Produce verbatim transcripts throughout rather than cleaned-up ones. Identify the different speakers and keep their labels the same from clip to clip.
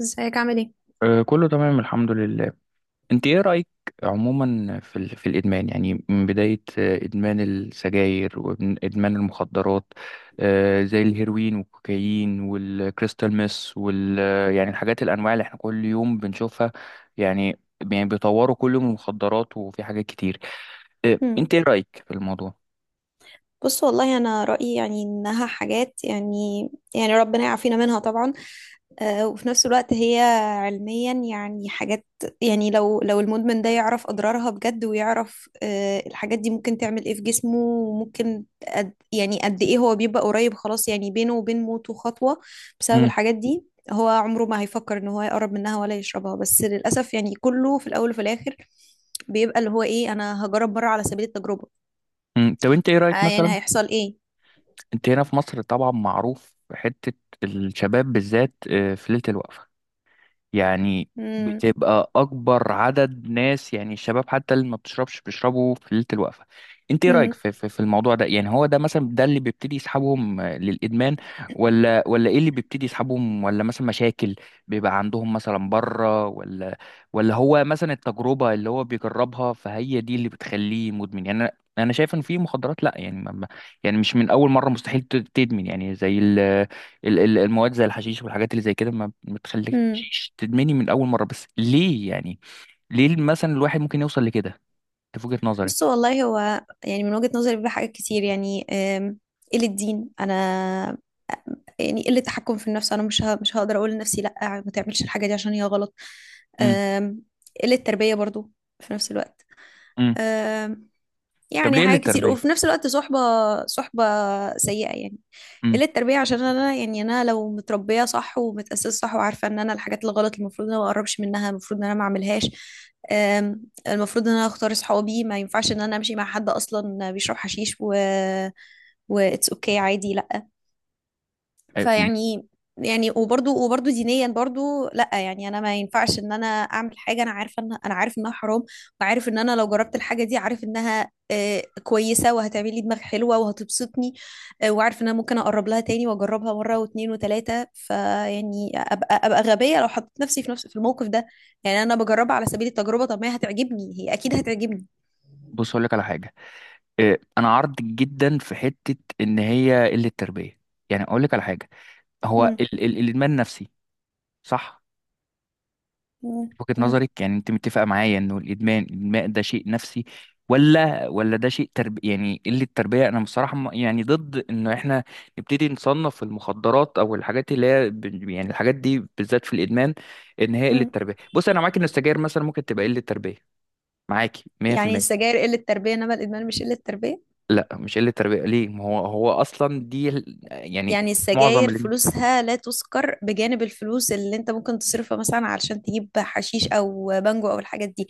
Speaker 1: ازيك عامل ايه؟
Speaker 2: آه، كله تمام الحمد لله. انت ايه رأيك عموما في ال... في الادمان، يعني من بداية آه، ادمان السجاير وادمان المخدرات، آه، زي الهيروين والكوكايين والكريستال ميس وال آه، يعني الحاجات الانواع اللي احنا كل يوم بنشوفها. يعني يعني بيطوروا كل يوم المخدرات وفي حاجات كتير. آه،
Speaker 1: مم.
Speaker 2: انت ايه رأيك في الموضوع؟
Speaker 1: بص والله انا رايي، يعني انها حاجات يعني. يعني ربنا يعافينا منها طبعا. آه وفي نفس الوقت هي علميا يعني حاجات. يعني لو لو المدمن ده يعرف اضرارها بجد، ويعرف آه الحاجات دي ممكن تعمل ايه في جسمه، وممكن قد، يعني قد ايه هو بيبقى قريب، خلاص يعني بينه وبين موته خطوه بسبب
Speaker 2: مم.
Speaker 1: الحاجات دي. هو عمره ما هيفكر ان هو يقرب منها ولا يشربها، بس للاسف يعني كله في الاول وفي الاخر بيبقى اللي هو ايه، انا هجرب مره على سبيل التجربه.
Speaker 2: مم. طب انت ايه رأيك
Speaker 1: آه يعني
Speaker 2: مثلا؟
Speaker 1: هيحصل ايه؟
Speaker 2: انت هنا في مصر طبعا معروف حتة الشباب بالذات، آه، في ليلة الوقفة، يعني
Speaker 1: مم.
Speaker 2: بتبقى اكبر عدد ناس، يعني الشباب حتى اللي ما بتشربش بيشربوا في ليله الوقفه. انت ايه رايك
Speaker 1: امم.
Speaker 2: في, في, في الموضوع ده؟ يعني هو ده مثلا، ده اللي بيبتدي يسحبهم آه، للادمان؟ ولا ولا ايه اللي بيبتدي يسحبهم؟ ولا مثلا مشاكل بيبقى عندهم مثلا بره؟ ولا ولا هو مثلا التجربه اللي هو بيجربها فهي دي اللي بتخليه مدمن؟ يعني انا أنا شايف ان في مخدرات لا، يعني ما ما- يعني مش من اول مره مستحيل ت- تدمن، يعني زي ال ال- ال- المواد، زي الحشيش والحاجات اللي زي كده ما
Speaker 1: امم.
Speaker 2: بتخليكش تدمني من اول مره. بس ليه يعني؟ ليه مثلا الواحد ممكن يوصل لكده؟ انت في وجهه
Speaker 1: بص
Speaker 2: نظرك؟
Speaker 1: والله هو يعني من وجهة نظري بيبقى حاجات كتير يعني، آم، قلة دين انا، يعني قلة تحكم في النفس. انا مش ه... مش هقدر اقول لنفسي لا، ما تعملش الحاجة دي عشان هي غلط.
Speaker 2: امم.
Speaker 1: آم، قلة تربية برضو في نفس الوقت.
Speaker 2: امم.
Speaker 1: آم،
Speaker 2: طب
Speaker 1: يعني
Speaker 2: ليه قله
Speaker 1: حاجات كتير،
Speaker 2: التربيه؟
Speaker 1: وفي نفس الوقت صحبة. صحبة سيئة يعني.
Speaker 2: امم.
Speaker 1: قلة تربية عشان انا، يعني انا لو متربية صح ومتأسسة صح وعارفة ان انا الحاجات الغلط المفروض ان انا ما اقربش منها، المفروض ان انا ما اعملهاش. أم، المفروض ان انا اختار اصحابي. ما ينفعش ان انا امشي مع حد اصلا بيشرب حشيش و و it's okay عادي، لا.
Speaker 2: أي-
Speaker 1: فيعني، يعني وبرضو وبرضو دينيا برضو لا، يعني انا ما ينفعش ان انا اعمل حاجه انا عارفه ان انا عارف انها حرام، وعارف ان انا لو جربت الحاجه دي عارف انها آه، كويسه وهتعمل لي دماغ حلوه وهتبسطني، آه، وعارف ان انا ممكن اقرب لها تاني واجربها مره واتنين وتلاته. فيعني ابقى ابقى غبيه لو حطيت نفسي في نفس في الموقف ده. يعني انا بجربها على سبيل التجربه، طب ما هي هتعجبني، هي اكيد هتعجبني.
Speaker 2: بص اقول لك على حاجه، إيه، انا عرض جدا في حته ان هي قله التربيه. يعني اقول لك على حاجه، هو
Speaker 1: مم.
Speaker 2: ال ال الادمان نفسي، صح؟
Speaker 1: مم.
Speaker 2: وجهة
Speaker 1: مم.
Speaker 2: نظرك، يعني انت متفقة معايا انه الادمان، الادمان ده شيء نفسي؟ ولا ولا ده شيء ترب، يعني قلة تربية؟ انا بصراحة م- يعني ضد انه احنا نبتدي نصنف المخدرات او الحاجات اللي هي ب- يعني الحاجات دي بالذات في الادمان ان هي قلة
Speaker 1: مم.
Speaker 2: تربية. بص انا معاك ان السجاير مثلا ممكن تبقى قلة تربية، معاكي
Speaker 1: يعني
Speaker 2: مية في المية.
Speaker 1: السجاير قله تربيه، انما الادمان مش قله تربيه.
Speaker 2: لا مش قلة تربية، ليه؟ ما هو هو اصلا دي ال- يعني
Speaker 1: يعني
Speaker 2: معظم
Speaker 1: السجاير
Speaker 2: اللي
Speaker 1: فلوسها لا تذكر بجانب الفلوس اللي انت ممكن تصرفها مثلا علشان تجيب حشيش او بانجو او الحاجات دي.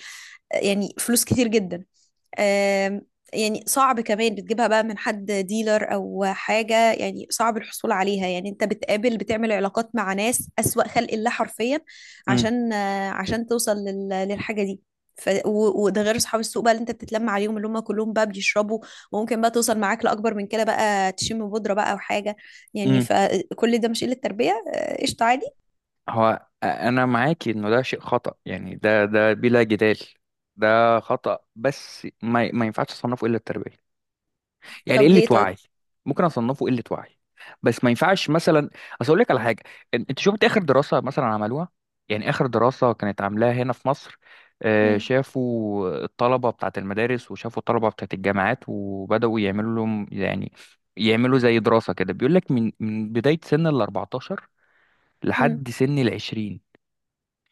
Speaker 1: يعني فلوس كتير جدا. آم، يعني صعب كمان، بتجيبها بقى من حد ديلر او حاجه، يعني صعب الحصول عليها. يعني انت بتقابل، بتعمل علاقات مع ناس اسوأ خلق الله حرفيا عشان آه، عشان توصل لل- للحاجه دي. ف... و- وده غير اصحاب السوق بقى اللي انت بتتلم عليهم اللي هم كلهم بقى بيشربوا. وممكن بقى توصل معاك لاكبر من كده، بقى تشم بودره بقى او حاجه. يعني
Speaker 2: امم.
Speaker 1: فكل ده مش قله تربيه، آه، قشطه عادي.
Speaker 2: هو انا معاكي انه ده شيء خطأ، يعني ده ده بلا جدال ده خطأ، بس ما ما ينفعش اصنفه الا التربية. يعني
Speaker 1: طب
Speaker 2: قلة
Speaker 1: ليه طيب؟
Speaker 2: وعي. ممكن اصنفه قلة وعي، بس ما ينفعش مثلا. اصل اقول لك على حاجة، إن- انت شفت اخر دراسة مثلا عملوها؟ يعني اخر دراسة كانت عاملاها هنا في مصر، آه، شافوا الطلبة بتاعة المدارس وشافوا الطلبة بتاعة الجامعات وبدأوا يعملوا لهم، يعني يعملوا زي دراسة كده، بيقول لك من من بداية سن ال اربعتاشر لحد سن ال عشرين،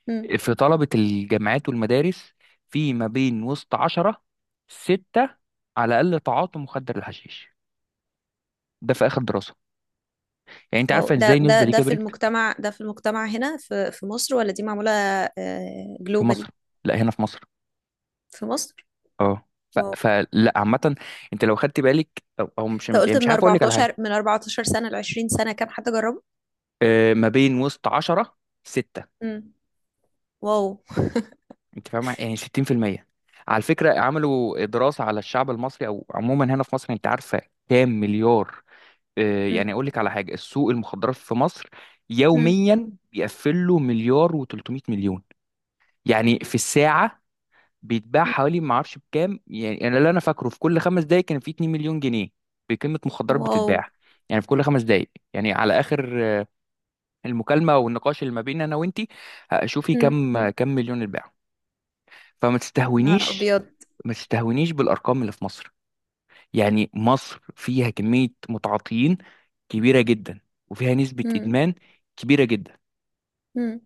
Speaker 1: امم.
Speaker 2: في طلبة الجامعات والمدارس، في ما بين وسط عشرة ستة على الأقل تعاطوا مخدر الحشيش. ده في آخر دراسة، يعني أنت
Speaker 1: واو،
Speaker 2: عارفة
Speaker 1: ده
Speaker 2: إزاي
Speaker 1: ده
Speaker 2: النسبة دي
Speaker 1: ده في
Speaker 2: كبرت.
Speaker 1: المجتمع، ده في المجتمع هنا في في مصر، ولا دي معمولة
Speaker 2: في
Speaker 1: جلوبالي؟
Speaker 2: مصر. لا هنا في مصر.
Speaker 1: في مصر؟
Speaker 2: اه. ف...
Speaker 1: واو.
Speaker 2: فلا عامة. أنت لو خدت بالك أو, أو مش
Speaker 1: انت
Speaker 2: يعني
Speaker 1: قلت
Speaker 2: مش
Speaker 1: من
Speaker 2: عارف أقول لك على حاجة.
Speaker 1: اربعة عشر، من اربع عشرة سنة سنة ل عشرين سنة سنة كام حد جربه؟
Speaker 2: آه، ما بين وسط عشرة ستة.
Speaker 1: امم. واو.
Speaker 2: أنت فاهمة؟ يعني ستين في المية. على فكرة عملوا دراسة على الشعب المصري أو عموما هنا في مصر، أنت عارفة كام مليار؟ آه، يعني
Speaker 1: امم.
Speaker 2: اقول لك على حاجه، السوق المخدرات في مصر
Speaker 1: امم.
Speaker 2: يوميا بيقفل له مليار و300 مليون. يعني في الساعه بيتباع
Speaker 1: أمم.
Speaker 2: حوالي، ما اعرفش بكام، يعني انا اللي انا فاكره في كل خمس دقائق كان في 2 مليون جنيه بقيمه مخدرات
Speaker 1: واو.
Speaker 2: بتتباع. يعني في كل خمس دقائق، يعني على اخر آه، المكالمه والنقاش اللي ما بيننا انا وانتي، شوفي
Speaker 1: امم.
Speaker 2: كم كم مليون اتباع. فما
Speaker 1: نهار
Speaker 2: تستهونيش،
Speaker 1: ابيض.
Speaker 2: ما تستهونيش بالارقام اللي في مصر. يعني مصر فيها كمية متعاطيين كبيرة جدا، وفيها نسبة
Speaker 1: امم.
Speaker 2: إدمان كبيرة جدا.
Speaker 1: امم.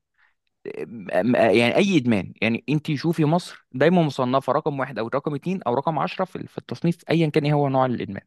Speaker 2: أم- أم- يعني أي إدمان، يعني أنت شوفي مصر دايما مصنفة رقم واحد أو رقم اتنين أو رقم عشرة في في التصنيف أيا كان إيه هو نوع الإدمان.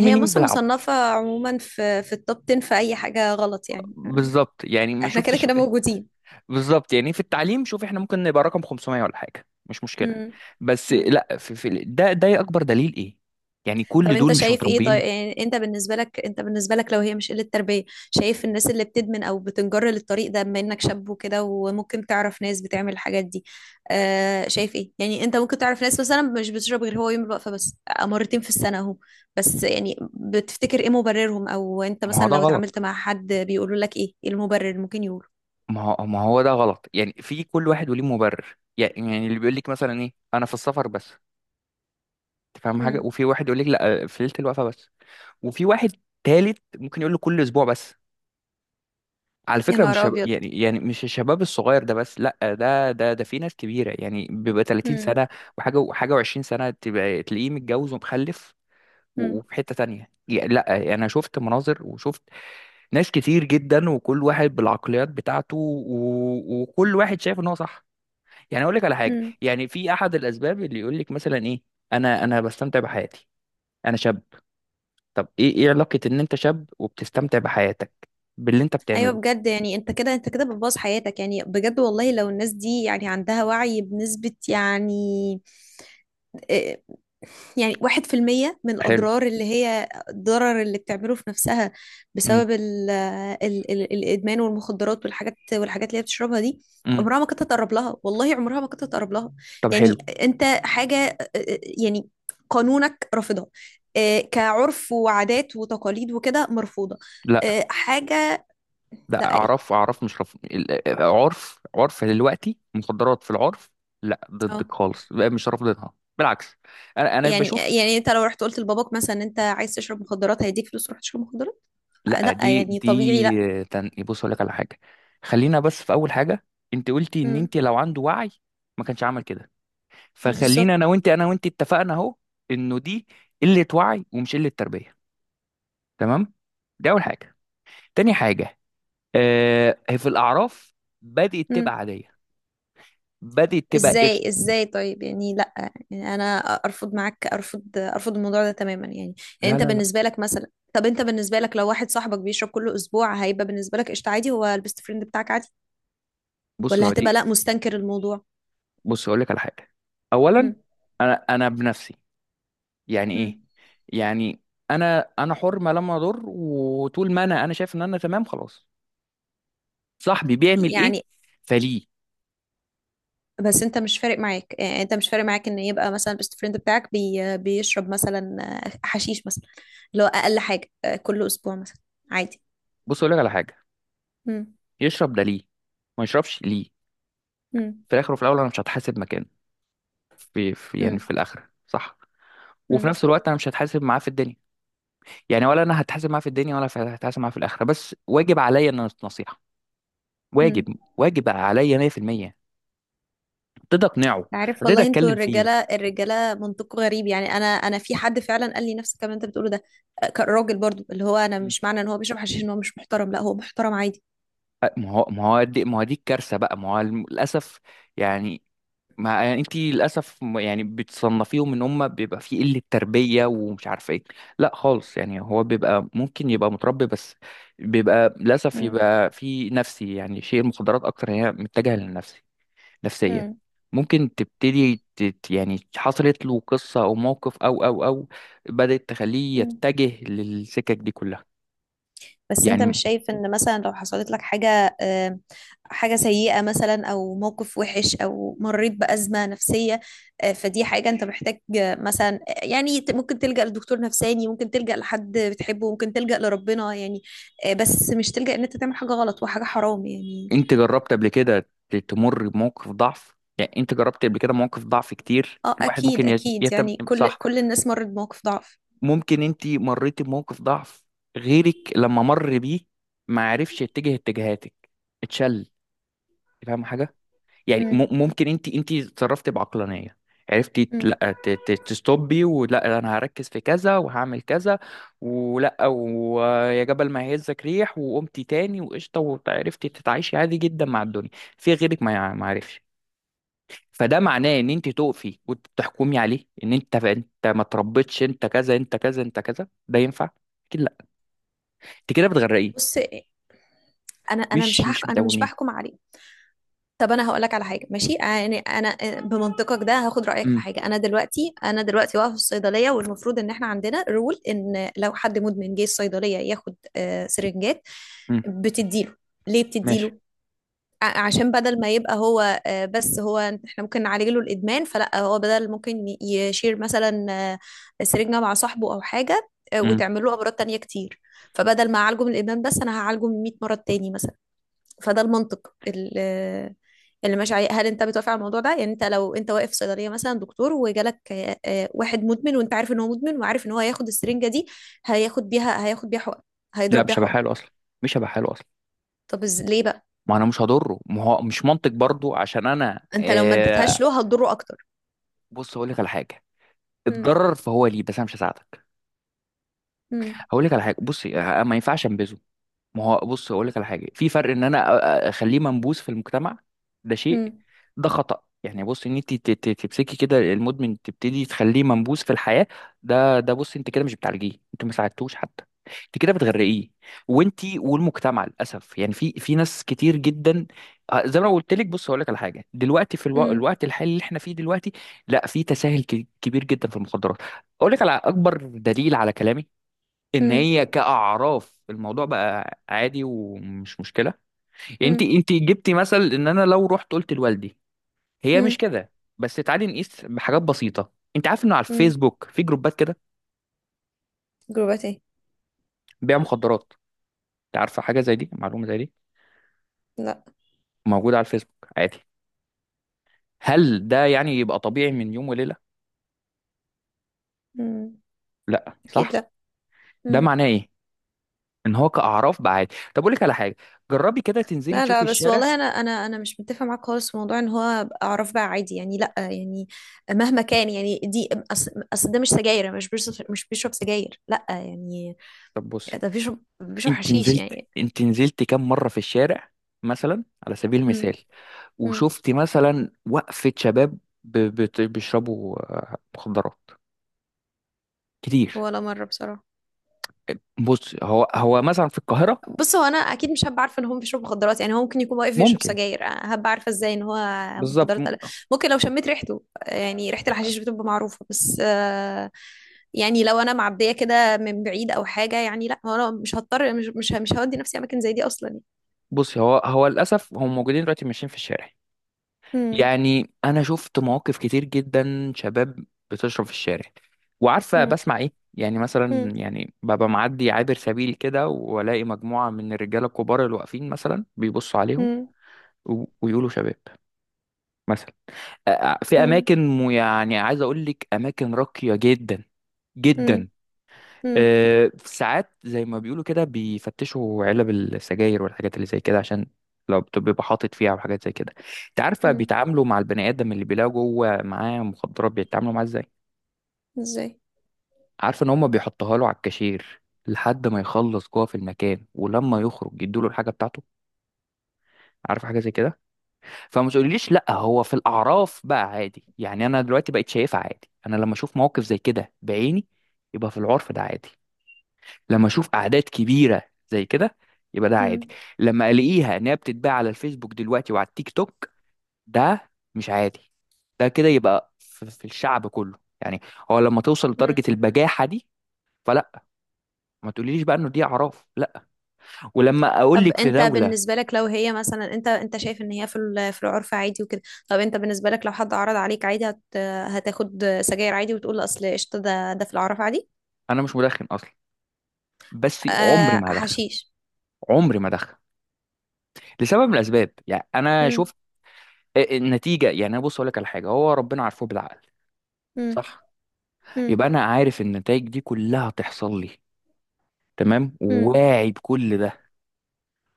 Speaker 1: هي مصر
Speaker 2: بيلعب.
Speaker 1: مصنفة عموما في في التوب عشرة في اي حاجة غلط يعني، آه،
Speaker 2: بالظبط يعني ما
Speaker 1: احنا كده
Speaker 2: شفتش.
Speaker 1: كده موجودين.
Speaker 2: بالظبط، يعني في التعليم شوف احنا ممكن نبقى رقم خمسمية ولا حاجة مش مشكلة، بس
Speaker 1: امم.
Speaker 2: لا في في ده ده أكبر دليل إيه. يعني
Speaker 1: طب
Speaker 2: كل
Speaker 1: انت
Speaker 2: دول مش
Speaker 1: شايف ايه
Speaker 2: متربيين.
Speaker 1: طيب؟ يعني انت بالنسبه لك، انت بالنسبه لك لو هي مش قله تربيه، شايف الناس اللي بتدمن او بتنجر للطريق ده، بما انك شاب وكده وممكن تعرف ناس بتعمل الحاجات دي، آه شايف ايه؟ يعني انت ممكن تعرف ناس مثلا مش بتشرب غير هو يوم الوقفه بس، آه، مرتين في السنه اهو، بس يعني بتفتكر ايه مبررهم؟ او انت
Speaker 2: ما هو
Speaker 1: مثلا
Speaker 2: ده
Speaker 1: لو
Speaker 2: غلط.
Speaker 1: اتعاملت مع حد بيقولوا لك ايه، ايه المبرر ممكن يقوله؟
Speaker 2: ما هو ما هو ده غلط، يعني في كل واحد وليه مبرر، يعني يعني اللي بيقول لك مثلا ايه: انا في السفر بس. انت فاهم حاجه؟
Speaker 1: امم.
Speaker 2: وفي واحد يقول لك لا، في ليله الوقفه بس. وفي واحد تالت ممكن يقول له كل اسبوع بس. على
Speaker 1: يا
Speaker 2: فكره مش
Speaker 1: نهار
Speaker 2: شب...
Speaker 1: ابيض.
Speaker 2: يعني يعني مش الشباب الصغير ده بس، لا، ده ده ده في ناس كبيره، يعني بيبقى تلاتين سنه وحاجه وحاجه و20 سنه تبقى تلاقيه متجوز ومخلف. و- وفي حته تانية، يعني لا انا شفت مناظر وشفت ناس كتير جدا، وكل واحد بالعقليات بتاعته و... وكل واحد شايف ان هو صح. يعني اقول لك على حاجه،
Speaker 1: امم.
Speaker 2: يعني في احد الاسباب اللي يقول لك مثلا ايه: انا انا بستمتع بحياتي، انا شاب. طب ايه ايه علاقه ان انت شاب وبتستمتع بحياتك باللي انت
Speaker 1: ايوه
Speaker 2: بتعمله؟
Speaker 1: بجد، يعني انت كده، انت كده بتبوظ حياتك يعني. بجد والله لو الناس دي يعني عندها وعي بنسبة يعني إيه، يعني واحد في المية من
Speaker 2: حلو.
Speaker 1: الأضرار اللي هي الضرر اللي بتعمله في نفسها
Speaker 2: امم.
Speaker 1: بسبب ال ال ال الإدمان والمخدرات والحاجات، والحاجات اللي هي بتشربها دي،
Speaker 2: امم.
Speaker 1: عمرها ما كانت تقرب لها. والله عمرها ما كانت تقرب لها.
Speaker 2: طب حلو.
Speaker 1: يعني أنت حاجة آه، آه، يعني قانونك رافضها. إيه، كعرف وعادات وتقاليد وكده مرفوضة.
Speaker 2: لا
Speaker 1: إيه، حاجة،
Speaker 2: لا
Speaker 1: لا، ايه.
Speaker 2: اعرف اعرف مش رف... ال- عرف عرف دلوقتي مخدرات في العرف لا
Speaker 1: اه.
Speaker 2: ضدك خالص، بقى مش رافضينها، بالعكس. انا انا
Speaker 1: يعني،
Speaker 2: بشوف.
Speaker 1: يعني انت لو رحت قلت لباباك مثلا إن انت عايز تشرب مخدرات هيديك فلوس تروح تشرب مخدرات؟ آه،
Speaker 2: لا
Speaker 1: لا
Speaker 2: دي
Speaker 1: يعني طبيعي، لا.
Speaker 2: دي تن... بص اقول لك على حاجه، خلينا بس في اول حاجه. انت قلتي ان
Speaker 1: امم.
Speaker 2: انت لو عنده وعي ما كانش عمل كده، فخلينا
Speaker 1: بالظبط.
Speaker 2: انا وانت انا وانت اتفقنا اهو انه دي قله وعي ومش قله تربيه، تمام؟ دي اول حاجه. تاني حاجه: آه هي في الاعراف بدات تبقى
Speaker 1: امم.
Speaker 2: عاديه، بدات تبقى قشطه.
Speaker 1: ازاي ازاي طيب؟ يعني لا، يعني انا ارفض معاك، ارفض ارفض الموضوع ده تماما يعني. يعني
Speaker 2: لا
Speaker 1: انت
Speaker 2: لا لا
Speaker 1: بالنسبه لك مثلا، طب انت بالنسبه لك لو واحد صاحبك بيشرب كل اسبوع، هيبقى بالنسبه لك قشطه عادي؟ هو البيست فريند بتاعك عادي؟
Speaker 2: بص
Speaker 1: ولا
Speaker 2: يا
Speaker 1: هتبقى
Speaker 2: دي،
Speaker 1: لا مستنكر الموضوع؟
Speaker 2: بص اقول لك على حاجه، اولا
Speaker 1: امم.
Speaker 2: انا انا بنفسي، يعني
Speaker 1: امم.
Speaker 2: ايه؟ يعني انا انا حر ما لم اضر، وطول ما انا انا شايف ان انا تمام خلاص. صاحبي بيعمل ايه؟
Speaker 1: يعني،
Speaker 2: فليه؟
Speaker 1: بس انت مش فارق معاك؟ يعني انت مش فارق معاك ان يبقى مثلا البيست فريند بتاعك بي... بيشرب مثلا آه، حشيش مثلا، اللي هو اقل حاجه، آه، كل اسبوع مثلا، عادي؟
Speaker 2: بص اقول لك على حاجه،
Speaker 1: مم.
Speaker 2: يشرب ده ليه؟ ما يشربش ليه؟
Speaker 1: مم.
Speaker 2: في الاخر وفي الاول انا مش هتحاسب مكانه، في في يعني
Speaker 1: مم.
Speaker 2: في الاخره، صح. وفي
Speaker 1: مم.
Speaker 2: نفس الوقت انا مش هتحاسب معاه في الدنيا، يعني ولا انا هتحاسب معاه في الدنيا ولا هتحاسب معاه في الاخره. بس واجب عليا ان أنا نصيحه، واجب
Speaker 1: مم.
Speaker 2: واجب عليا مية في المية، ابتدي اقنعه،
Speaker 1: عارف
Speaker 2: ابتدي
Speaker 1: والله، انتوا
Speaker 2: اتكلم فيه.
Speaker 1: الرجاله، الرجاله منطقه غريب يعني. انا انا في حد فعلا قال لي نفس الكلام اللي انت بتقوله ده، كان راجل برضو، اللي هو انا
Speaker 2: مم.
Speaker 1: مش معنى ان هو بيشرب حشيش ان هو مش محترم، لا هو محترم عادي.
Speaker 2: أ- ما هو ما هو دي ما هو دي الكارثه بقى، ما هو الم- للاسف، يعني ما يعني انت للاسف م- يعني بتصنفيهم ان هم بيبقى في قله تربيه ومش عارفه ايه. لا خالص، يعني هو بيبقى ممكن يبقى متربي بس بيبقى للاسف
Speaker 1: مم.
Speaker 2: يبقى في نفسي، يعني شيء المخدرات اكتر هي متجهه للنفسي، نفسيا.
Speaker 1: مم.
Speaker 2: ممكن تبتدي تت يعني حصلت له قصه او موقف او او او بدات تخليه
Speaker 1: مم.
Speaker 2: يتجه للسكك دي كلها.
Speaker 1: بس انت مش
Speaker 2: يعني
Speaker 1: شايف ان مثلا لو حصلت لك حاجة، آه، حاجة سيئة مثلا او موقف وحش او مريت بأزمة نفسية، آه، فدي حاجة انت محتاج آه، مثلا آه، يعني ت- ممكن تلجأ لدكتور نفساني، ممكن تلجأ لحد بتحبه، ممكن تلجأ لربنا يعني، آه، بس مش تلجأ ان انت تعمل حاجة غلط وحاجة حرام يعني.
Speaker 2: انت جربت قبل كده ت- تمر بموقف ضعف؟ يعني انت جربت قبل كده مواقف ضعف كتير،
Speaker 1: اه
Speaker 2: الواحد
Speaker 1: اكيد
Speaker 2: ممكن يت-
Speaker 1: اكيد،
Speaker 2: يتم،
Speaker 1: يعني كل
Speaker 2: صح؟
Speaker 1: كل الناس مرت بموقف ضعف.
Speaker 2: ممكن انت مريتي بموقف ضعف، غيرك لما مر بيه ما عرفش يتجه اتجاهاتك، اتشل، فاهم حاجه؟ يعني
Speaker 1: مم.
Speaker 2: م- ممكن انت انت اتصرفتي بعقلانيه، عرفتي ت-
Speaker 1: مم.
Speaker 2: لا ت- ت- تستوبي، ولا انا هركز في كذا وهعمل كذا، ولا ويا جبل ما يهزك ريح، وقمتي تاني وقشطه وعرفتي تتعايشي عادي جدا مع الدنيا. في غيرك ما يع- ما عرفش. فده معناه ان انت تقفي وتحكمي عليه ان انت انت ما تربيتش، انت كذا انت كذا انت كذا. ده ينفع؟ اكيد لا، انت كده بتغرقيه،
Speaker 1: بص، انا انا مش
Speaker 2: مش مش
Speaker 1: هحكم، انا مش
Speaker 2: بتقوميه.
Speaker 1: بحكم عليك. طب انا هقول لك على حاجه ماشي، يعني انا آه، بمنطقك ده هاخد رايك في
Speaker 2: امم.
Speaker 1: حاجه. انا دلوقتي، انا دلوقتي واقفه في الصيدليه، والمفروض ان احنا عندنا رول ان لو حد مدمن جه الصيدليه ياخد آه، سرنجات،
Speaker 2: امم.
Speaker 1: بتديله. ليه
Speaker 2: ماشي.
Speaker 1: بتديله؟ ع- عشان بدل ما يبقى هو آه، بس هو احنا ممكن نعالج له الادمان، فلا هو بدل ممكن ي- يشير مثلا آه، سرنجه مع صاحبه او حاجه، آه،
Speaker 2: امم.
Speaker 1: وتعمل له امراض تانية كتير. فبدل ما اعالجه من الادمان بس، انا هعالجه من مئة مرض تاني مثلا. فده المنطق اللي، اللي ماشي عليه. هل انت بتوافق على الموضوع ده؟ يعني انت لو انت واقف في صيدليه مثلا دكتور، وجالك آه، آه، واحد مدمن، وانت عارف ان هو مدمن، وعارف ان هو هياخد السرنجه دي هياخد بيها، هياخد بيها حقن،
Speaker 2: لا
Speaker 1: هيضرب بيها
Speaker 2: مش هبقى
Speaker 1: حقن.
Speaker 2: حاله اصلا، مش هبقى حاله اصلا.
Speaker 1: طب از- ليه بقى؟
Speaker 2: ما انا مش هضره، ما هو مش منطق برضو عشان انا
Speaker 1: انت لو ما اديتهاش
Speaker 2: آه.
Speaker 1: له هتضره اكتر.
Speaker 2: بص هقول لك على حاجه،
Speaker 1: مم.
Speaker 2: اتضرر فهو ليه، بس انا مش هساعدك.
Speaker 1: مم.
Speaker 2: هقول لك على حاجه، بصي آه، ما ينفعش انبذه. ما هو بص اقول لك على حاجه، في فرق ان انا أ- أ- اخليه منبوذ في المجتمع، ده شيء.
Speaker 1: مم.
Speaker 2: ده خطأ. يعني بص ان انت ت- ت- تمسكي كده المدمن تبتدي تخليه منبوذ في الحياه، ده ده بص انت كده مش بتعالجيه، انت ما ساعدتوش حتى، انت كده بتغرقيه، وانت والمجتمع للاسف. يعني في في ناس كتير جدا، آه، زي ما أنا قلت لك. بص اقول لك على حاجه، دلوقتي في الو...
Speaker 1: مم.
Speaker 2: الوقت الحالي اللي احنا فيه دلوقتي لا في تساهل ك- كبير جدا في المخدرات. اقول لك على اكبر دليل على كلامي، ان
Speaker 1: مم.
Speaker 2: هي كاعراف الموضوع بقى عادي ومش مشكله. يعني انت
Speaker 1: مم.
Speaker 2: انت جبتي مثل ان انا لو رحت قلت لوالدي، هي مش
Speaker 1: مم.
Speaker 2: كده. بس تعالي نقيس بحاجات بسيطه: انت عارف انه على
Speaker 1: مم.
Speaker 2: الفيسبوك في جروبات كده
Speaker 1: جروبات ايه؟
Speaker 2: بيع مخدرات؟ انت عارفه حاجه زي دي؟ معلومه زي دي
Speaker 1: لا.
Speaker 2: موجوده على الفيسبوك عادي. هل ده يعني يبقى طبيعي من يوم وليله؟
Speaker 1: مم.
Speaker 2: لا،
Speaker 1: اكيد
Speaker 2: صح؟
Speaker 1: لا.
Speaker 2: ده
Speaker 1: مم.
Speaker 2: معناه ايه؟ ان هو كاعراف بقى عادي. طب اقول لك على حاجه، جربي كده تنزلي
Speaker 1: لا
Speaker 2: تشوفي
Speaker 1: لا، بس
Speaker 2: الشارع.
Speaker 1: والله انا انا انا مش متفقه معاك خالص في موضوع ان هو أبقى اعرف بقى عادي، يعني لا يعني مهما كان يعني دي اصل أصل ده مش سجاير، مش بيشرب، مش بيشرب سجاير، لا يعني،
Speaker 2: طب بصي،
Speaker 1: ده بيشرب، بيشرب
Speaker 2: انت
Speaker 1: حشيش
Speaker 2: نزلت
Speaker 1: يعني.
Speaker 2: انت نزلت كام مره في الشارع مثلا على سبيل
Speaker 1: امم.
Speaker 2: المثال،
Speaker 1: امم.
Speaker 2: وشفت مثلا وقفة شباب ب- بت- بيشربوا آه، مخدرات كتير؟
Speaker 1: ولا مره بصراحه.
Speaker 2: بص هو هو مثلا في القاهرة
Speaker 1: بص هو انا اكيد مش هبقى عارفه ان هو بيشرب مخدرات، يعني هو ممكن يكون واقف بيشرب
Speaker 2: ممكن.
Speaker 1: سجاير، أنا هبقى عارفه ازاي ان هو
Speaker 2: بالظبط
Speaker 1: مخدرات
Speaker 2: م-
Speaker 1: ولا لا؟ ممكن لو شميت ريحته، يعني ريحه الحشيش بتبقى معروفه، بس آه، يعني لو انا معديه كده من بعيد او حاجه، يعني لا هو انا مش هضطر، مش مش مش هودي نفسي اماكن زي دي اصلا يعني.
Speaker 2: بص هو هو للأسف هم موجودين دلوقتي ماشيين في الشارع.
Speaker 1: امم.
Speaker 2: يعني أنا شفت مواقف كتير جدا، شباب بتشرب في الشارع. وعارفة بسمع إيه؟ يعني مثلا
Speaker 1: امم.
Speaker 2: يعني ببقى معدي عابر سبيل كده، وألاقي مجموعة من الرجالة الكبار اللي واقفين مثلا بيبصوا عليهم،
Speaker 1: امم.
Speaker 2: و- ويقولوا شباب، مثلا. آه، في
Speaker 1: امم.
Speaker 2: اماكن م- يعني عايز اقول لك اماكن راقيه جدا جدا،
Speaker 1: امم.
Speaker 2: آه، ساعات زي ما بيقولوا كده بيفتشوا علب السجاير والحاجات اللي زي كده، عشان لو بت- بيبقى حاطط فيها وحاجات زي كده. انت عارفه
Speaker 1: امم.
Speaker 2: بيتعاملوا مع البني ادم اللي بيلاقوا جوه معاه مخدرات، بيتعاملوا معاه ازاي؟
Speaker 1: ازاي؟
Speaker 2: عارفه ان هم بيحطها له على الكاشير لحد ما يخلص جوه في المكان، ولما يخرج يدوا له الحاجه بتاعته. عارفه حاجه زي كده؟ فما تقوليليش لا هو في الاعراف بقى عادي. يعني انا دلوقتي بقيت شايفها عادي، انا لما اشوف موقف زي كده بعيني يبقى في العرف ده عادي. لما اشوف اعداد كبيره زي كده يبقى ده عادي.
Speaker 1: امم.
Speaker 2: لما الاقيها ان هي بتتباع على الفيسبوك دلوقتي وعلى التيك توك، ده مش عادي، ده كده يبقى في في الشعب كله، يعني هو لما توصل لدرجه البجاحه دي فلا، ما تقوليليش بقى انه دي اعراف لا. ولما اقول
Speaker 1: طب
Speaker 2: لك في
Speaker 1: انت
Speaker 2: دوله،
Speaker 1: بالنسبة لك لو هي مثلا، انت انت شايف ان هي في ال- في العرف عادي وكده، طب انت بالنسبة لك لو حد عرض عليك عادي، هت، هتاخد سجاير عادي، وتقول اصل قشطة ده ده في العرف عادي؟
Speaker 2: انا مش مدخن اصلا، بس عمري
Speaker 1: آه
Speaker 2: ما هدخن،
Speaker 1: حشيش.
Speaker 2: عمري ما ادخن، لسبب من الاسباب. يعني انا
Speaker 1: مم.
Speaker 2: شفت النتيجه. يعني انا بص اقول لك على حاجه، هو ربنا عارفه بالعقل،
Speaker 1: مم.
Speaker 2: صح؟
Speaker 1: مم.
Speaker 2: يبقى انا عارف النتائج دي كلها هتحصل لي، تمام،
Speaker 1: مم.
Speaker 2: واعي بكل ده،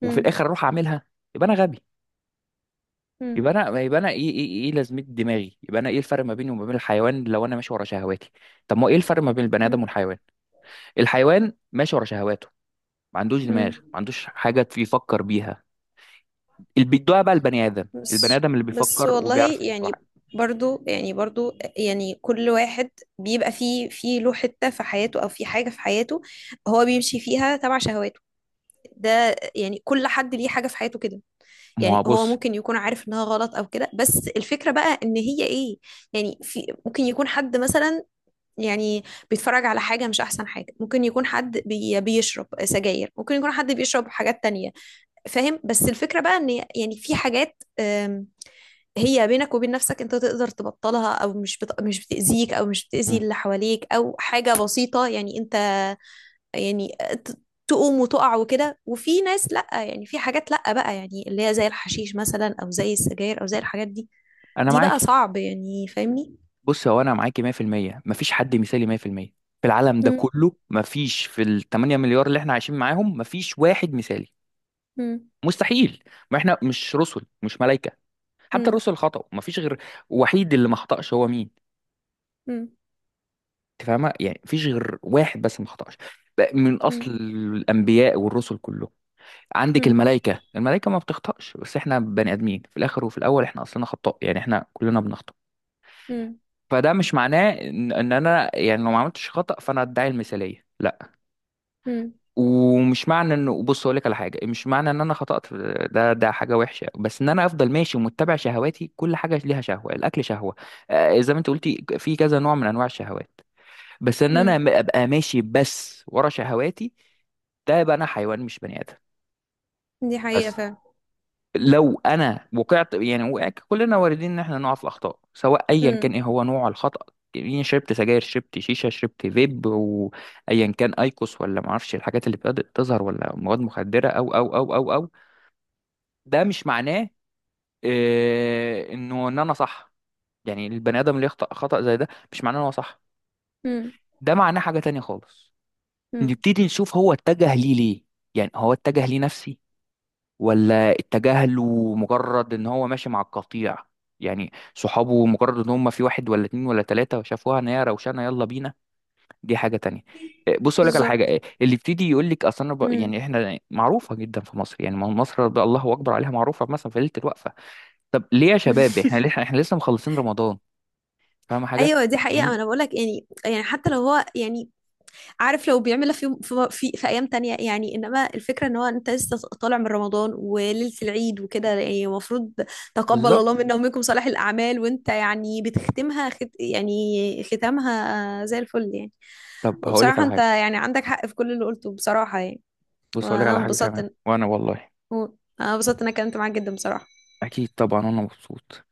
Speaker 2: وفي
Speaker 1: مم.
Speaker 2: الاخر اروح اعملها؟ يبقى انا غبي.
Speaker 1: مم.
Speaker 2: يبقى انا يبقى انا ايه ايه ايه إيه لازمه دماغي؟ يبقى انا ايه الفرق ما بيني وما بين الحيوان لو انا ماشي ورا شهواتي؟ طب ما هو ايه الفرق ما بين البني ادم
Speaker 1: مم.
Speaker 2: والحيوان؟ الحيوان ماشي ورا شهواته، ما عندوش دماغ،
Speaker 1: مم.
Speaker 2: ما عندوش حاجه في- يفكر بيها. اللي بيدوها بقى البني ادم، البني
Speaker 1: بس
Speaker 2: ادم اللي
Speaker 1: بس
Speaker 2: بيفكر
Speaker 1: والله،
Speaker 2: وبيعرف إنه
Speaker 1: يعني
Speaker 2: واحد.
Speaker 1: برضو يعني برضو يعني كل واحد بيبقى فيه، في له حتة في حياته او في حاجة في حياته هو بيمشي فيها تبع شهواته. ده يعني كل حد ليه حاجة في حياته كده،
Speaker 2: ما
Speaker 1: يعني
Speaker 2: هو
Speaker 1: هو
Speaker 2: بص.
Speaker 1: ممكن يكون عارف انها غلط او كده، بس الفكرة بقى ان هي ايه. يعني في ممكن يكون حد مثلا يعني بيتفرج على حاجة مش احسن حاجة، ممكن يكون حد بي بيشرب سجاير، ممكن يكون حد بيشرب حاجات تانية. فاهم؟ بس الفكرة بقى ان يعني في حاجات، أم، هي بينك وبين نفسك انت تقدر تبطلها، او مش بت... مش بتأذيك او مش بتأذي
Speaker 2: مم.
Speaker 1: اللي حواليك، او حاجة بسيطة يعني انت يعني آه، ت- تقوم وتقع وكده، وفي ناس لأ، يعني في حاجات لأ بقى يعني، اللي هي زي الحشيش مثلا أو زي السجاير أو زي الحاجات دي،
Speaker 2: انا
Speaker 1: دي
Speaker 2: معاك.
Speaker 1: بقى صعب يعني، فاهمني؟
Speaker 2: بص هو انا معاكي مية في المية، مفيش حد مثالي مية في المية في المية، في العالم ده
Speaker 1: مم.
Speaker 2: كله مفيش، في ال تمانية مليار اللي احنا عايشين معاهم مفيش واحد مثالي،
Speaker 1: مم.
Speaker 2: مستحيل. ما احنا مش رسل مش ملائكة، حتى
Speaker 1: مم.
Speaker 2: الرسل خطأوا، مفيش غير وحيد اللي ما خطأش، هو مين؟
Speaker 1: مم.
Speaker 2: انت فاهمة؟ يعني مفيش غير واحد بس ما خطأش بقى من
Speaker 1: مم.
Speaker 2: اصل الانبياء والرسل كله. عندك
Speaker 1: مم.
Speaker 2: الملائكة، الملائكة ما بتخطأش، بس احنا بني ادمين في الاخر وفي الاول، احنا اصلنا خطاء، يعني احنا كلنا بنخطأ.
Speaker 1: مم.
Speaker 2: فده مش معناه ان إن انا يعني لو ما عملتش خطأ فانا ادعي المثالية،
Speaker 1: مم.
Speaker 2: ومش معنى انه بص اقول لك على حاجه، مش معنى ان انا خطأت في- ده ده حاجه وحشه بس ان انا افضل ماشي ومتبع شهواتي. كل حاجه ليها شهوه، الاكل شهوه، آه، زي ما انت قلتي في كذا نوع من انواع الشهوات، بس ان انا
Speaker 1: مم.
Speaker 2: م- ابقى ماشي بس ورا شهواتي؟ ده يبقى انا حيوان مش بني ادم.
Speaker 1: دي حقيقة
Speaker 2: بس
Speaker 1: فعلا.
Speaker 2: لو انا وقعت، يعني وقع، كلنا واردين ان احنا نقع في الاخطاء، سواء ايا كان
Speaker 1: مم.
Speaker 2: ايه هو نوع الخطأ، يعني شربت سجاير، شربت شيشه، شربت فيب، وايا كان ايكوس، ولا ما اعرفش الحاجات اللي بدأت تظهر، ولا مواد مخدره او او او او او ده مش معناه آه، انه ان انا صح. يعني البني ادم اللي يخطأ خطأ زي ده مش معناه ان هو صح،
Speaker 1: مم.
Speaker 2: ده معناه حاجه تانية خالص.
Speaker 1: مم.
Speaker 2: نبتدي نشوف هو اتجه ليه ليه؟ يعني هو اتجه ليه نفسي، ولا اتجاهله مجرد ان هو ماشي مع القطيع؟ يعني صحابه مجرد ان هم في واحد ولا اتنين ولا تلاتة شافوها ان هي روشانة يلا بينا، دي حاجة تانية. إيه، بص اقول لك على حاجة،
Speaker 1: بالظبط.
Speaker 2: إيه، اللي يبتدي يقول لك اصل انا ب-
Speaker 1: مم.
Speaker 2: يعني احنا معروفة جدا في مصر، يعني ما مصر ده الله اكبر عليها، معروفة مثلا في ليلة الوقفة. طب ليه يا شباب احنا ليه احنا لسه مخلصين رمضان؟ فاهم حاجة؟
Speaker 1: ايوه دي حقيقة.
Speaker 2: يعني
Speaker 1: انا بقولك، يعني يعني حتى لو هو يعني عارف لو بيعملها في يوم في, في, في ايام تانية يعني، انما الفكرة ان هو انت لسه طالع من رمضان وليلة العيد وكده، يعني المفروض تقبل
Speaker 2: بالظبط.
Speaker 1: الله منا ومنكم صالح الاعمال، وانت يعني بتختمها خت، يعني ختامها زي الفل يعني.
Speaker 2: طب هقول لك
Speaker 1: وبصراحة
Speaker 2: على
Speaker 1: انت
Speaker 2: حاجة،
Speaker 1: يعني عندك حق في كل اللي قلته بصراحة يعني.
Speaker 2: بص اقول لك
Speaker 1: وانا
Speaker 2: على حاجة
Speaker 1: انبسطت
Speaker 2: كمان،
Speaker 1: إن-
Speaker 2: وانا والله
Speaker 1: انا انبسطت إن انا اتكلمت معاك جدا بصراحة.
Speaker 2: اكيد طبعا انا مبسوط.